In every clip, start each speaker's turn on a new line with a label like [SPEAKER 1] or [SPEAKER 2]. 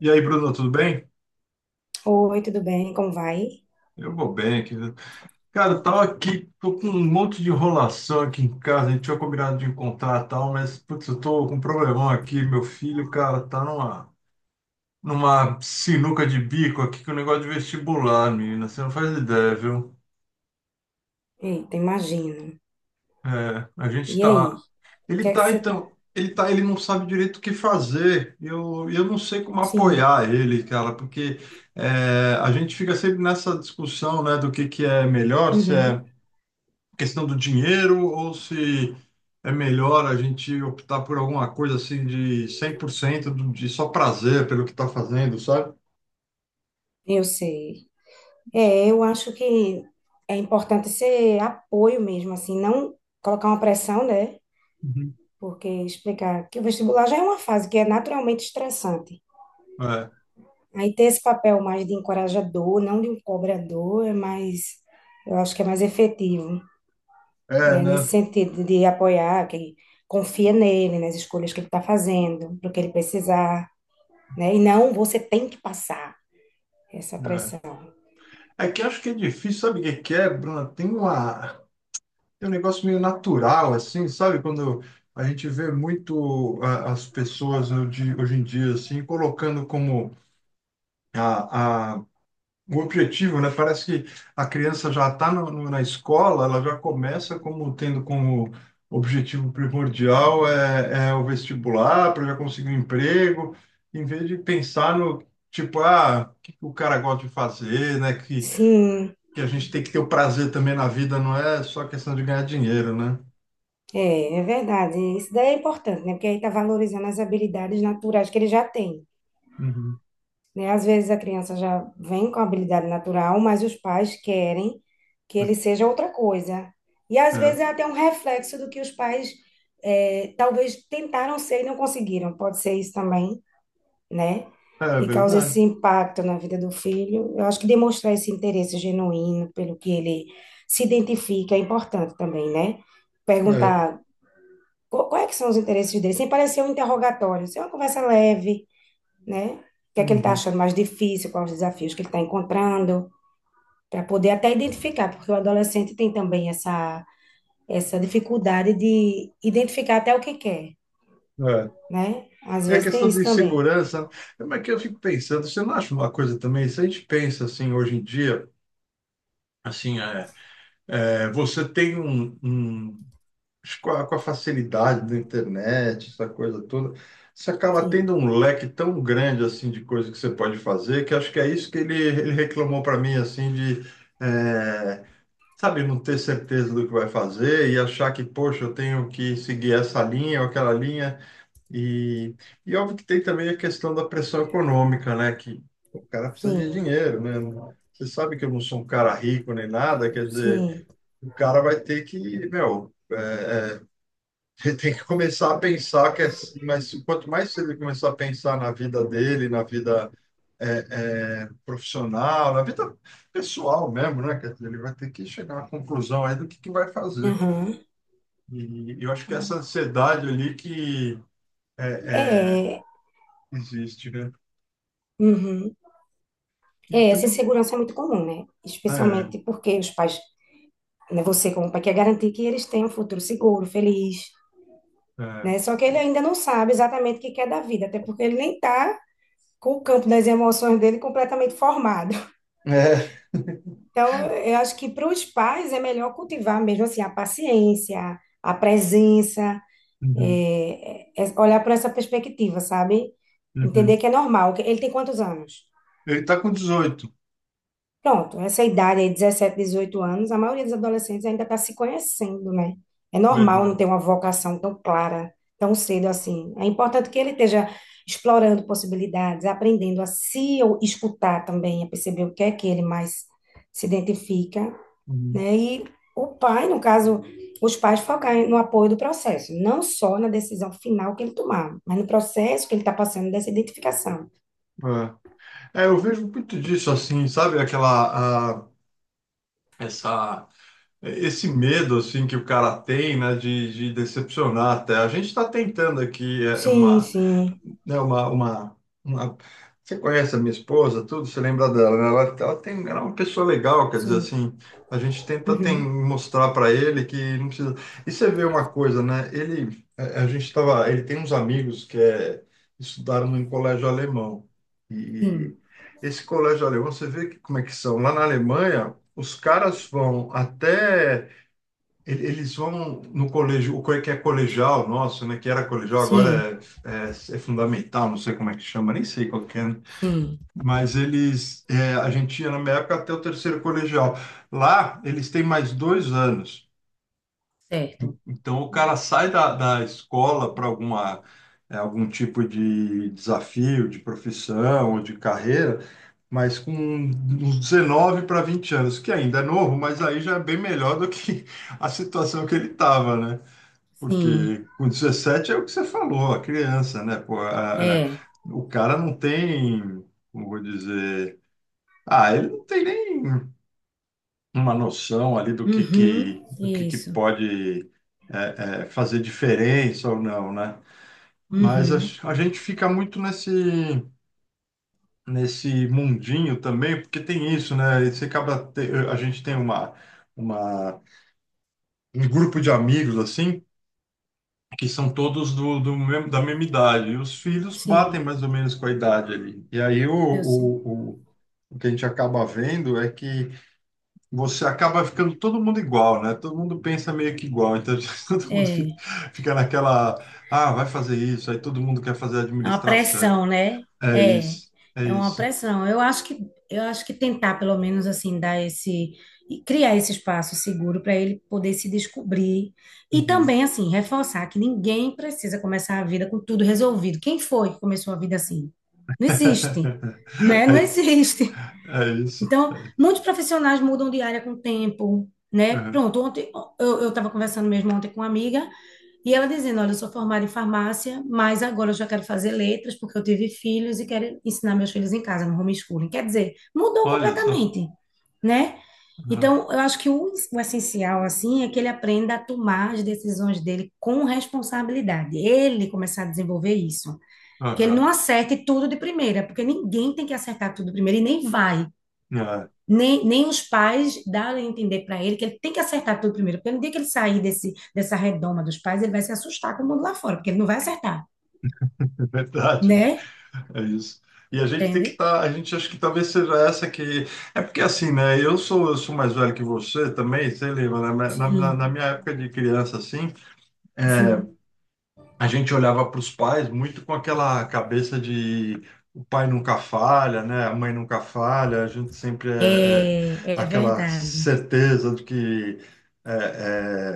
[SPEAKER 1] E aí, Bruno, tudo bem?
[SPEAKER 2] Oi, tudo bem? Como vai?
[SPEAKER 1] Eu vou bem, querido. Cara, eu tava aqui, tô com um monte de enrolação aqui em casa. A gente tinha combinado de encontrar e tal, mas, putz, eu tô com um problemão aqui. Meu filho, cara, tá numa, numa sinuca de bico aqui com o negócio de vestibular, menina. Você não faz ideia, viu?
[SPEAKER 2] Eita, imagino.
[SPEAKER 1] É, a gente
[SPEAKER 2] E aí?
[SPEAKER 1] tá.
[SPEAKER 2] O que
[SPEAKER 1] Ele
[SPEAKER 2] é que
[SPEAKER 1] tá,
[SPEAKER 2] você tá...
[SPEAKER 1] então. Ele tá, ele não sabe direito o que fazer. Eu não sei como
[SPEAKER 2] Sim,
[SPEAKER 1] apoiar ele, cara, porque é, a gente fica sempre nessa discussão, né, do que é melhor, se é
[SPEAKER 2] uhum,
[SPEAKER 1] questão do dinheiro ou se é melhor a gente optar por alguma coisa assim de 100% do- de só prazer pelo que está fazendo, sabe?
[SPEAKER 2] eu sei. É, eu acho que é importante ser apoio mesmo, assim, não colocar uma pressão, né?
[SPEAKER 1] Uhum.
[SPEAKER 2] Porque explicar que o vestibular já é uma fase que é naturalmente estressante.
[SPEAKER 1] É,
[SPEAKER 2] Aí ter esse papel mais de encorajador, não de um cobrador, eu acho que é mais efetivo,
[SPEAKER 1] é,
[SPEAKER 2] né?
[SPEAKER 1] né?
[SPEAKER 2] Nesse sentido de apoiar, que confia nele, nas escolhas que ele está fazendo, para o que ele precisar. Né? E não, você tem que passar essa pressão.
[SPEAKER 1] É. É que acho que é difícil, sabe o que que é, Bruna? Tem uma, tem um negócio meio natural, assim, sabe? Quando a gente vê muito a- as pessoas hoje, hoje em dia, assim, colocando como a, o objetivo, né? Parece que a criança já está na escola, ela já começa como tendo como objetivo primordial é, é o vestibular para já conseguir um emprego, em vez de pensar no tipo, ah, o que que o cara gosta de fazer, né?
[SPEAKER 2] Sim,
[SPEAKER 1] Que a gente tem que ter o prazer também na vida, não é só questão de ganhar dinheiro, né?
[SPEAKER 2] é, é verdade. Isso daí é importante, né? Porque aí está valorizando as habilidades naturais que ele já tem.
[SPEAKER 1] Uhum.
[SPEAKER 2] Né? Às vezes a criança já vem com habilidade natural, mas os pais querem que ele seja outra coisa. E às
[SPEAKER 1] É,
[SPEAKER 2] vezes é até um reflexo do que os pais talvez tentaram ser e não conseguiram. Pode ser isso também, né?
[SPEAKER 1] é
[SPEAKER 2] E causa esse
[SPEAKER 1] verdade.
[SPEAKER 2] impacto na vida do filho. Eu acho que demonstrar esse interesse genuíno pelo que ele se identifica é importante também, né?
[SPEAKER 1] É.
[SPEAKER 2] Perguntar quais é que são os interesses dele, sem parecer um interrogatório, ser uma conversa leve, né? O que é que ele está
[SPEAKER 1] Uhum.
[SPEAKER 2] achando mais difícil, quais os desafios que ele está encontrando, para poder até identificar, porque o adolescente tem também essa dificuldade de identificar até o que quer,
[SPEAKER 1] É.
[SPEAKER 2] né? Às
[SPEAKER 1] É a
[SPEAKER 2] vezes tem
[SPEAKER 1] questão
[SPEAKER 2] isso
[SPEAKER 1] de
[SPEAKER 2] também.
[SPEAKER 1] segurança, mas é que eu fico pensando, você não acha uma coisa também? Se a gente pensa assim hoje em dia, assim, é, é, você tem um, um- acho que com a facilidade da internet, essa coisa toda, você acaba
[SPEAKER 2] Sim,
[SPEAKER 1] tendo um leque tão grande assim de coisa que você pode fazer, que acho que é isso que ele reclamou para mim assim de, é, sabe, não ter certeza do que vai fazer e achar que, poxa, eu tenho que seguir essa linha ou aquela linha. E, e óbvio que tem também a questão da pressão econômica, né? Que o cara precisa de
[SPEAKER 2] sim,
[SPEAKER 1] dinheiro, né? Você sabe que eu não sou um cara rico nem nada, quer dizer,
[SPEAKER 2] sim.
[SPEAKER 1] o cara vai ter que, meu, ele tem que começar a pensar que é, mas quanto mais cedo ele começar a pensar na vida dele, na vida é, é, profissional, na vida pessoal mesmo, né? Quer dizer, ele vai ter que chegar à conclusão aí do que vai fazer.
[SPEAKER 2] Aham.
[SPEAKER 1] E eu acho que essa ansiedade ali que é, é,
[SPEAKER 2] É,
[SPEAKER 1] existe, né?
[SPEAKER 2] uhum.
[SPEAKER 1] E
[SPEAKER 2] É, essa
[SPEAKER 1] também
[SPEAKER 2] insegurança é muito comum, né?
[SPEAKER 1] é,
[SPEAKER 2] Especialmente porque os pais, né, você como pai quer garantir que eles tenham um futuro seguro, feliz,
[SPEAKER 1] é.
[SPEAKER 2] né? Só que ele ainda não sabe exatamente o que quer da vida, até porque ele nem tá com o campo das emoções dele completamente formado.
[SPEAKER 1] É.
[SPEAKER 2] Então, eu acho que para os pais é melhor cultivar mesmo assim a paciência, a presença,
[SPEAKER 1] Uhum,
[SPEAKER 2] olhar por essa perspectiva, sabe?
[SPEAKER 1] uhum.
[SPEAKER 2] Entender que é normal. Ele tem quantos anos?
[SPEAKER 1] Ele tá com 18,
[SPEAKER 2] Pronto, essa idade aí, 17 18 anos, a maioria dos adolescentes ainda está se conhecendo, né? É normal não
[SPEAKER 1] verdade.
[SPEAKER 2] ter uma vocação tão clara, tão cedo assim. É importante que ele esteja explorando possibilidades, aprendendo a se ou escutar também, a perceber o que é que ele mais se identifica,
[SPEAKER 1] Uhum.
[SPEAKER 2] né? E o pai, no caso, os pais focar no apoio do processo, não só na decisão final que ele tomar, mas no processo que ele está passando dessa identificação.
[SPEAKER 1] É. É, eu vejo muito disso assim, sabe? Aquela, a- essa, esse medo assim que o cara tem, né, de decepcionar até. A gente está tentando aqui é,
[SPEAKER 2] Sim,
[SPEAKER 1] uma
[SPEAKER 2] sim,
[SPEAKER 1] né, uma- Você conhece a minha esposa, tudo, você lembra dela, né? Ela tem, ela é uma pessoa legal, quer dizer
[SPEAKER 2] sim.
[SPEAKER 1] assim, a gente tenta tem,
[SPEAKER 2] Uhum.
[SPEAKER 1] mostrar para ele que não precisa. E você vê uma coisa, né? Ele, a gente tava, ele tem uns amigos que é, estudaram em colégio alemão.
[SPEAKER 2] Sim,
[SPEAKER 1] E esse colégio alemão, você vê que, como é que são. Lá na Alemanha, os caras vão até ele- Eles vão no colégio, o que é colegial nosso, né? Que era colegial,
[SPEAKER 2] sim.
[SPEAKER 1] agora é, é- é fundamental, não sei como é que chama, nem sei qual que é, né?
[SPEAKER 2] Sim,
[SPEAKER 1] Mas eles, é, a gente ia na minha época até o terceiro colegial. Lá, eles têm mais dois anos.
[SPEAKER 2] certo.
[SPEAKER 1] Então, o cara sai da, da escola para alguma, é, algum tipo de desafio, de profissão ou de carreira, mas com uns 19 para 20 anos, que ainda é novo, mas aí já é bem melhor do que a situação que ele estava, né?
[SPEAKER 2] Sim.
[SPEAKER 1] Porque com 17 é o que você falou, a criança, né? Pô, a-
[SPEAKER 2] É.
[SPEAKER 1] o cara não tem, como vou dizer, ah, ele não tem nem uma noção ali
[SPEAKER 2] Uhum.
[SPEAKER 1] do que
[SPEAKER 2] Isso.
[SPEAKER 1] pode é, é, fazer diferença ou não, né? Mas
[SPEAKER 2] Uhum.
[SPEAKER 1] a gente fica muito nesse nesse mundinho também, porque tem isso, né? Você acaba te- a gente tem uma um grupo de amigos assim que são todos do, do mesmo- da mesma idade. E os filhos batem
[SPEAKER 2] Sim,
[SPEAKER 1] mais ou menos com a idade ali. E aí
[SPEAKER 2] eu sei.
[SPEAKER 1] o que a gente acaba vendo é que você acaba ficando todo mundo igual, né? Todo mundo pensa meio que igual. Então todo mundo fica,
[SPEAKER 2] É.
[SPEAKER 1] fica naquela, ah, vai fazer isso. Aí todo mundo quer fazer
[SPEAKER 2] É uma
[SPEAKER 1] administração.
[SPEAKER 2] pressão, né?
[SPEAKER 1] É
[SPEAKER 2] É.
[SPEAKER 1] isso, é
[SPEAKER 2] É uma
[SPEAKER 1] isso.
[SPEAKER 2] pressão. Eu acho que tentar pelo menos assim dar esse e criar esse espaço seguro para ele poder se descobrir e
[SPEAKER 1] Uhum.
[SPEAKER 2] também assim reforçar que ninguém precisa começar a vida com tudo resolvido. Quem foi que começou a vida assim? Não existe, né?
[SPEAKER 1] É
[SPEAKER 2] Não
[SPEAKER 1] isso,
[SPEAKER 2] existe.
[SPEAKER 1] é isso.
[SPEAKER 2] Então, muitos profissionais mudam de área com o tempo, né?
[SPEAKER 1] Uhum.
[SPEAKER 2] Pronto, ontem eu estava conversando mesmo ontem com uma amiga e ela dizendo, olha, eu sou formada em farmácia, mas agora eu já quero fazer letras porque eu tive filhos e quero ensinar meus filhos em casa, no homeschooling. Quer dizer, mudou
[SPEAKER 1] Olha só.
[SPEAKER 2] completamente, né?
[SPEAKER 1] Uhum.
[SPEAKER 2] Então, eu acho que o essencial, assim, é que ele aprenda a tomar as decisões dele com responsabilidade. Ele começar a desenvolver isso. Que ele
[SPEAKER 1] Uhum.
[SPEAKER 2] não acerte tudo de primeira, porque ninguém tem que acertar tudo primeiro e nem vai
[SPEAKER 1] É
[SPEAKER 2] nem, nem os pais darem a entender para ele que ele tem que acertar tudo primeiro, porque no dia que ele sair dessa redoma dos pais, ele vai se assustar com o mundo lá fora, porque ele não vai acertar,
[SPEAKER 1] é verdade. Né?
[SPEAKER 2] né?
[SPEAKER 1] É isso. E a gente tem que
[SPEAKER 2] Entende?
[SPEAKER 1] estar, a gente acha que talvez seja essa que. É porque assim, né? Eu sou mais velho que você também, você lembra, né? Na, na, na
[SPEAKER 2] Sim,
[SPEAKER 1] minha época de criança, assim, é,
[SPEAKER 2] sim.
[SPEAKER 1] a gente olhava para os pais muito com aquela cabeça de o pai nunca falha, né? A mãe nunca falha, a gente sempre é, é
[SPEAKER 2] É, é
[SPEAKER 1] aquela
[SPEAKER 2] verdade.
[SPEAKER 1] certeza de que. É, é,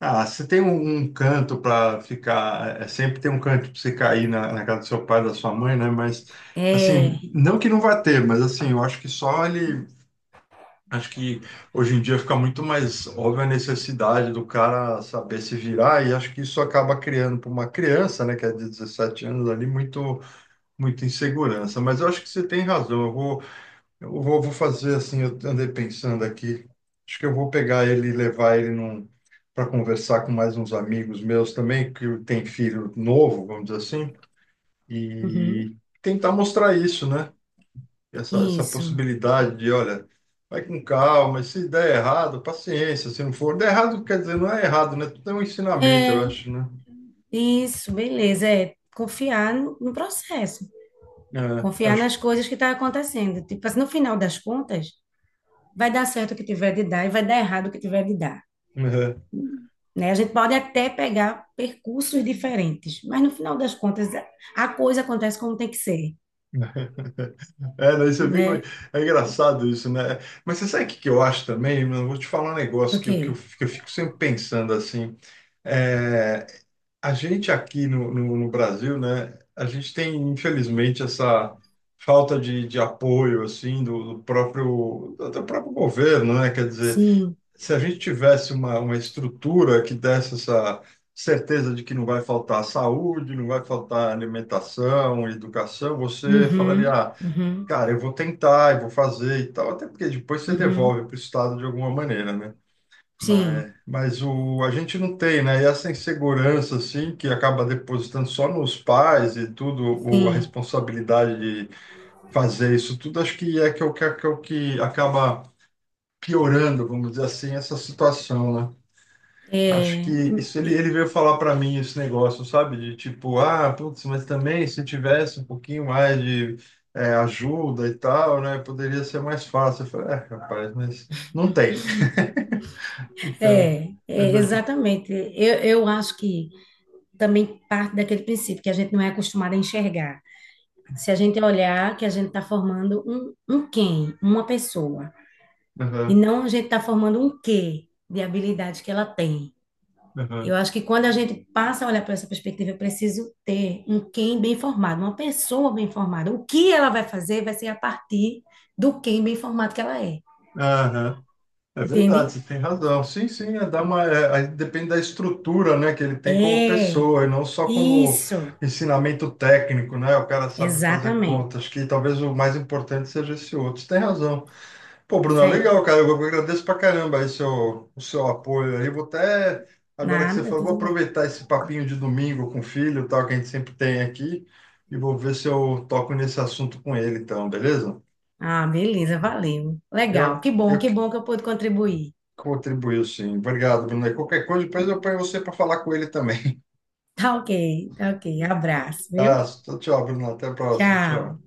[SPEAKER 1] ah, você tem um, um canto para ficar, é, é, sempre tem um canto para você cair na, na casa do seu pai, da sua mãe, né? Mas, assim,
[SPEAKER 2] É,
[SPEAKER 1] não que não vá ter, mas, assim, eu acho que só ele. Acho que hoje em dia fica muito mais óbvia a necessidade do cara saber se virar, e acho que isso acaba criando para uma criança, né, que é de 17 anos ali, muito, muita insegurança. Mas eu acho que você tem razão, eu vou. Eu vou, vou fazer assim, eu andei pensando aqui. Acho que eu vou pegar ele e levar ele num, para conversar com mais uns amigos meus também, que tem filho novo, vamos dizer assim,
[SPEAKER 2] uhum,
[SPEAKER 1] e tentar mostrar isso, né? Essa
[SPEAKER 2] isso.
[SPEAKER 1] possibilidade de, olha, vai com calma, e se der errado, paciência, se não for. Der errado, quer dizer, não é errado, né? Tudo é um ensinamento, eu
[SPEAKER 2] É,
[SPEAKER 1] acho, né?
[SPEAKER 2] isso, beleza. É confiar no processo,
[SPEAKER 1] É,
[SPEAKER 2] confiar
[SPEAKER 1] acho.
[SPEAKER 2] nas coisas que estão acontecendo. Tipo assim, no final das contas, vai dar certo o que tiver de dar e vai dar errado o que tiver de dar. Né? A gente pode até pegar percursos diferentes, mas no final das contas a coisa acontece como tem que ser,
[SPEAKER 1] É, daí você fica.
[SPEAKER 2] né?
[SPEAKER 1] É é engraçado isso, né? Mas você sabe o que que eu acho também? Mano? Vou te falar um negócio
[SPEAKER 2] Ok,
[SPEAKER 1] que, eu- que, eu, que eu fico sempre pensando assim. É, a gente aqui no, no, no Brasil, né? A gente tem, infelizmente, essa falta de apoio, assim, do, do próprio governo, né? Quer dizer,
[SPEAKER 2] sim,
[SPEAKER 1] se a gente tivesse uma estrutura que desse essa certeza de que não vai faltar saúde, não vai faltar alimentação, educação, você falaria.
[SPEAKER 2] uhum,
[SPEAKER 1] "Ah,
[SPEAKER 2] uhum,
[SPEAKER 1] cara, eu vou tentar, eu vou fazer e tal, até porque depois você devolve
[SPEAKER 2] uhum,
[SPEAKER 1] para o Estado de alguma maneira, né?
[SPEAKER 2] sim,
[SPEAKER 1] Mas o, a gente não tem, né? E essa insegurança, assim, que acaba depositando só nos pais e tudo, o, a
[SPEAKER 2] sim,
[SPEAKER 1] responsabilidade de fazer isso tudo, acho que é o que, é o que acaba piorando, vamos dizer assim, essa situação, né? Acho que
[SPEAKER 2] é,
[SPEAKER 1] isso ele, ele veio falar para mim esse negócio, sabe? De tipo, ah, putz, mas também se tivesse um pouquinho mais de é, ajuda e tal, né? Poderia ser mais fácil. Eu falei, é, rapaz, mas não tem. Então, a gente vai ter que.
[SPEAKER 2] exatamente. Eu acho que também parte daquele princípio que a gente não é acostumado a enxergar. Se a gente olhar que a gente está formando um quem, uma pessoa, e
[SPEAKER 1] Aham,
[SPEAKER 2] não a gente está formando um quê de habilidades que ela tem. Eu
[SPEAKER 1] aham,
[SPEAKER 2] acho que quando a gente passa a olhar para essa perspectiva, eu preciso ter um quem bem formado, uma pessoa bem formada. O que ela vai fazer vai ser a partir do quem bem formado que ela é.
[SPEAKER 1] aham. É
[SPEAKER 2] Entende?
[SPEAKER 1] verdade, você tem razão. Sim, sim, é dar uma, é, aí depende da estrutura, né, que ele tem como
[SPEAKER 2] É,
[SPEAKER 1] pessoa, e não só como
[SPEAKER 2] isso,
[SPEAKER 1] ensinamento técnico, né? O cara sabe fazer
[SPEAKER 2] exatamente.
[SPEAKER 1] conta. Acho que talvez o mais importante seja esse outro. Você tem razão. Pô, Bruno,
[SPEAKER 2] Isso aí.
[SPEAKER 1] legal, cara. Eu agradeço pra caramba aí seu, o seu apoio aí. Vou até, agora que você
[SPEAKER 2] Nada,
[SPEAKER 1] falou, vou
[SPEAKER 2] tudo bem.
[SPEAKER 1] aproveitar esse papinho de domingo com o filho, e tal, que a gente sempre tem aqui, e vou ver se eu toco nesse assunto com ele, então, beleza?
[SPEAKER 2] Ah, beleza, valeu. Legal,
[SPEAKER 1] Eu,
[SPEAKER 2] que bom,
[SPEAKER 1] eu
[SPEAKER 2] que
[SPEAKER 1] que
[SPEAKER 2] bom que eu pude contribuir.
[SPEAKER 1] contribuo, sim. Obrigado, Bruno. E qualquer coisa, depois eu
[SPEAKER 2] Então,
[SPEAKER 1] ponho você para falar com ele também.
[SPEAKER 2] tá ok, tá ok. Abraço, viu?
[SPEAKER 1] Ah, tchau, Bruno. Até a próxima.
[SPEAKER 2] Tchau.
[SPEAKER 1] Tchau.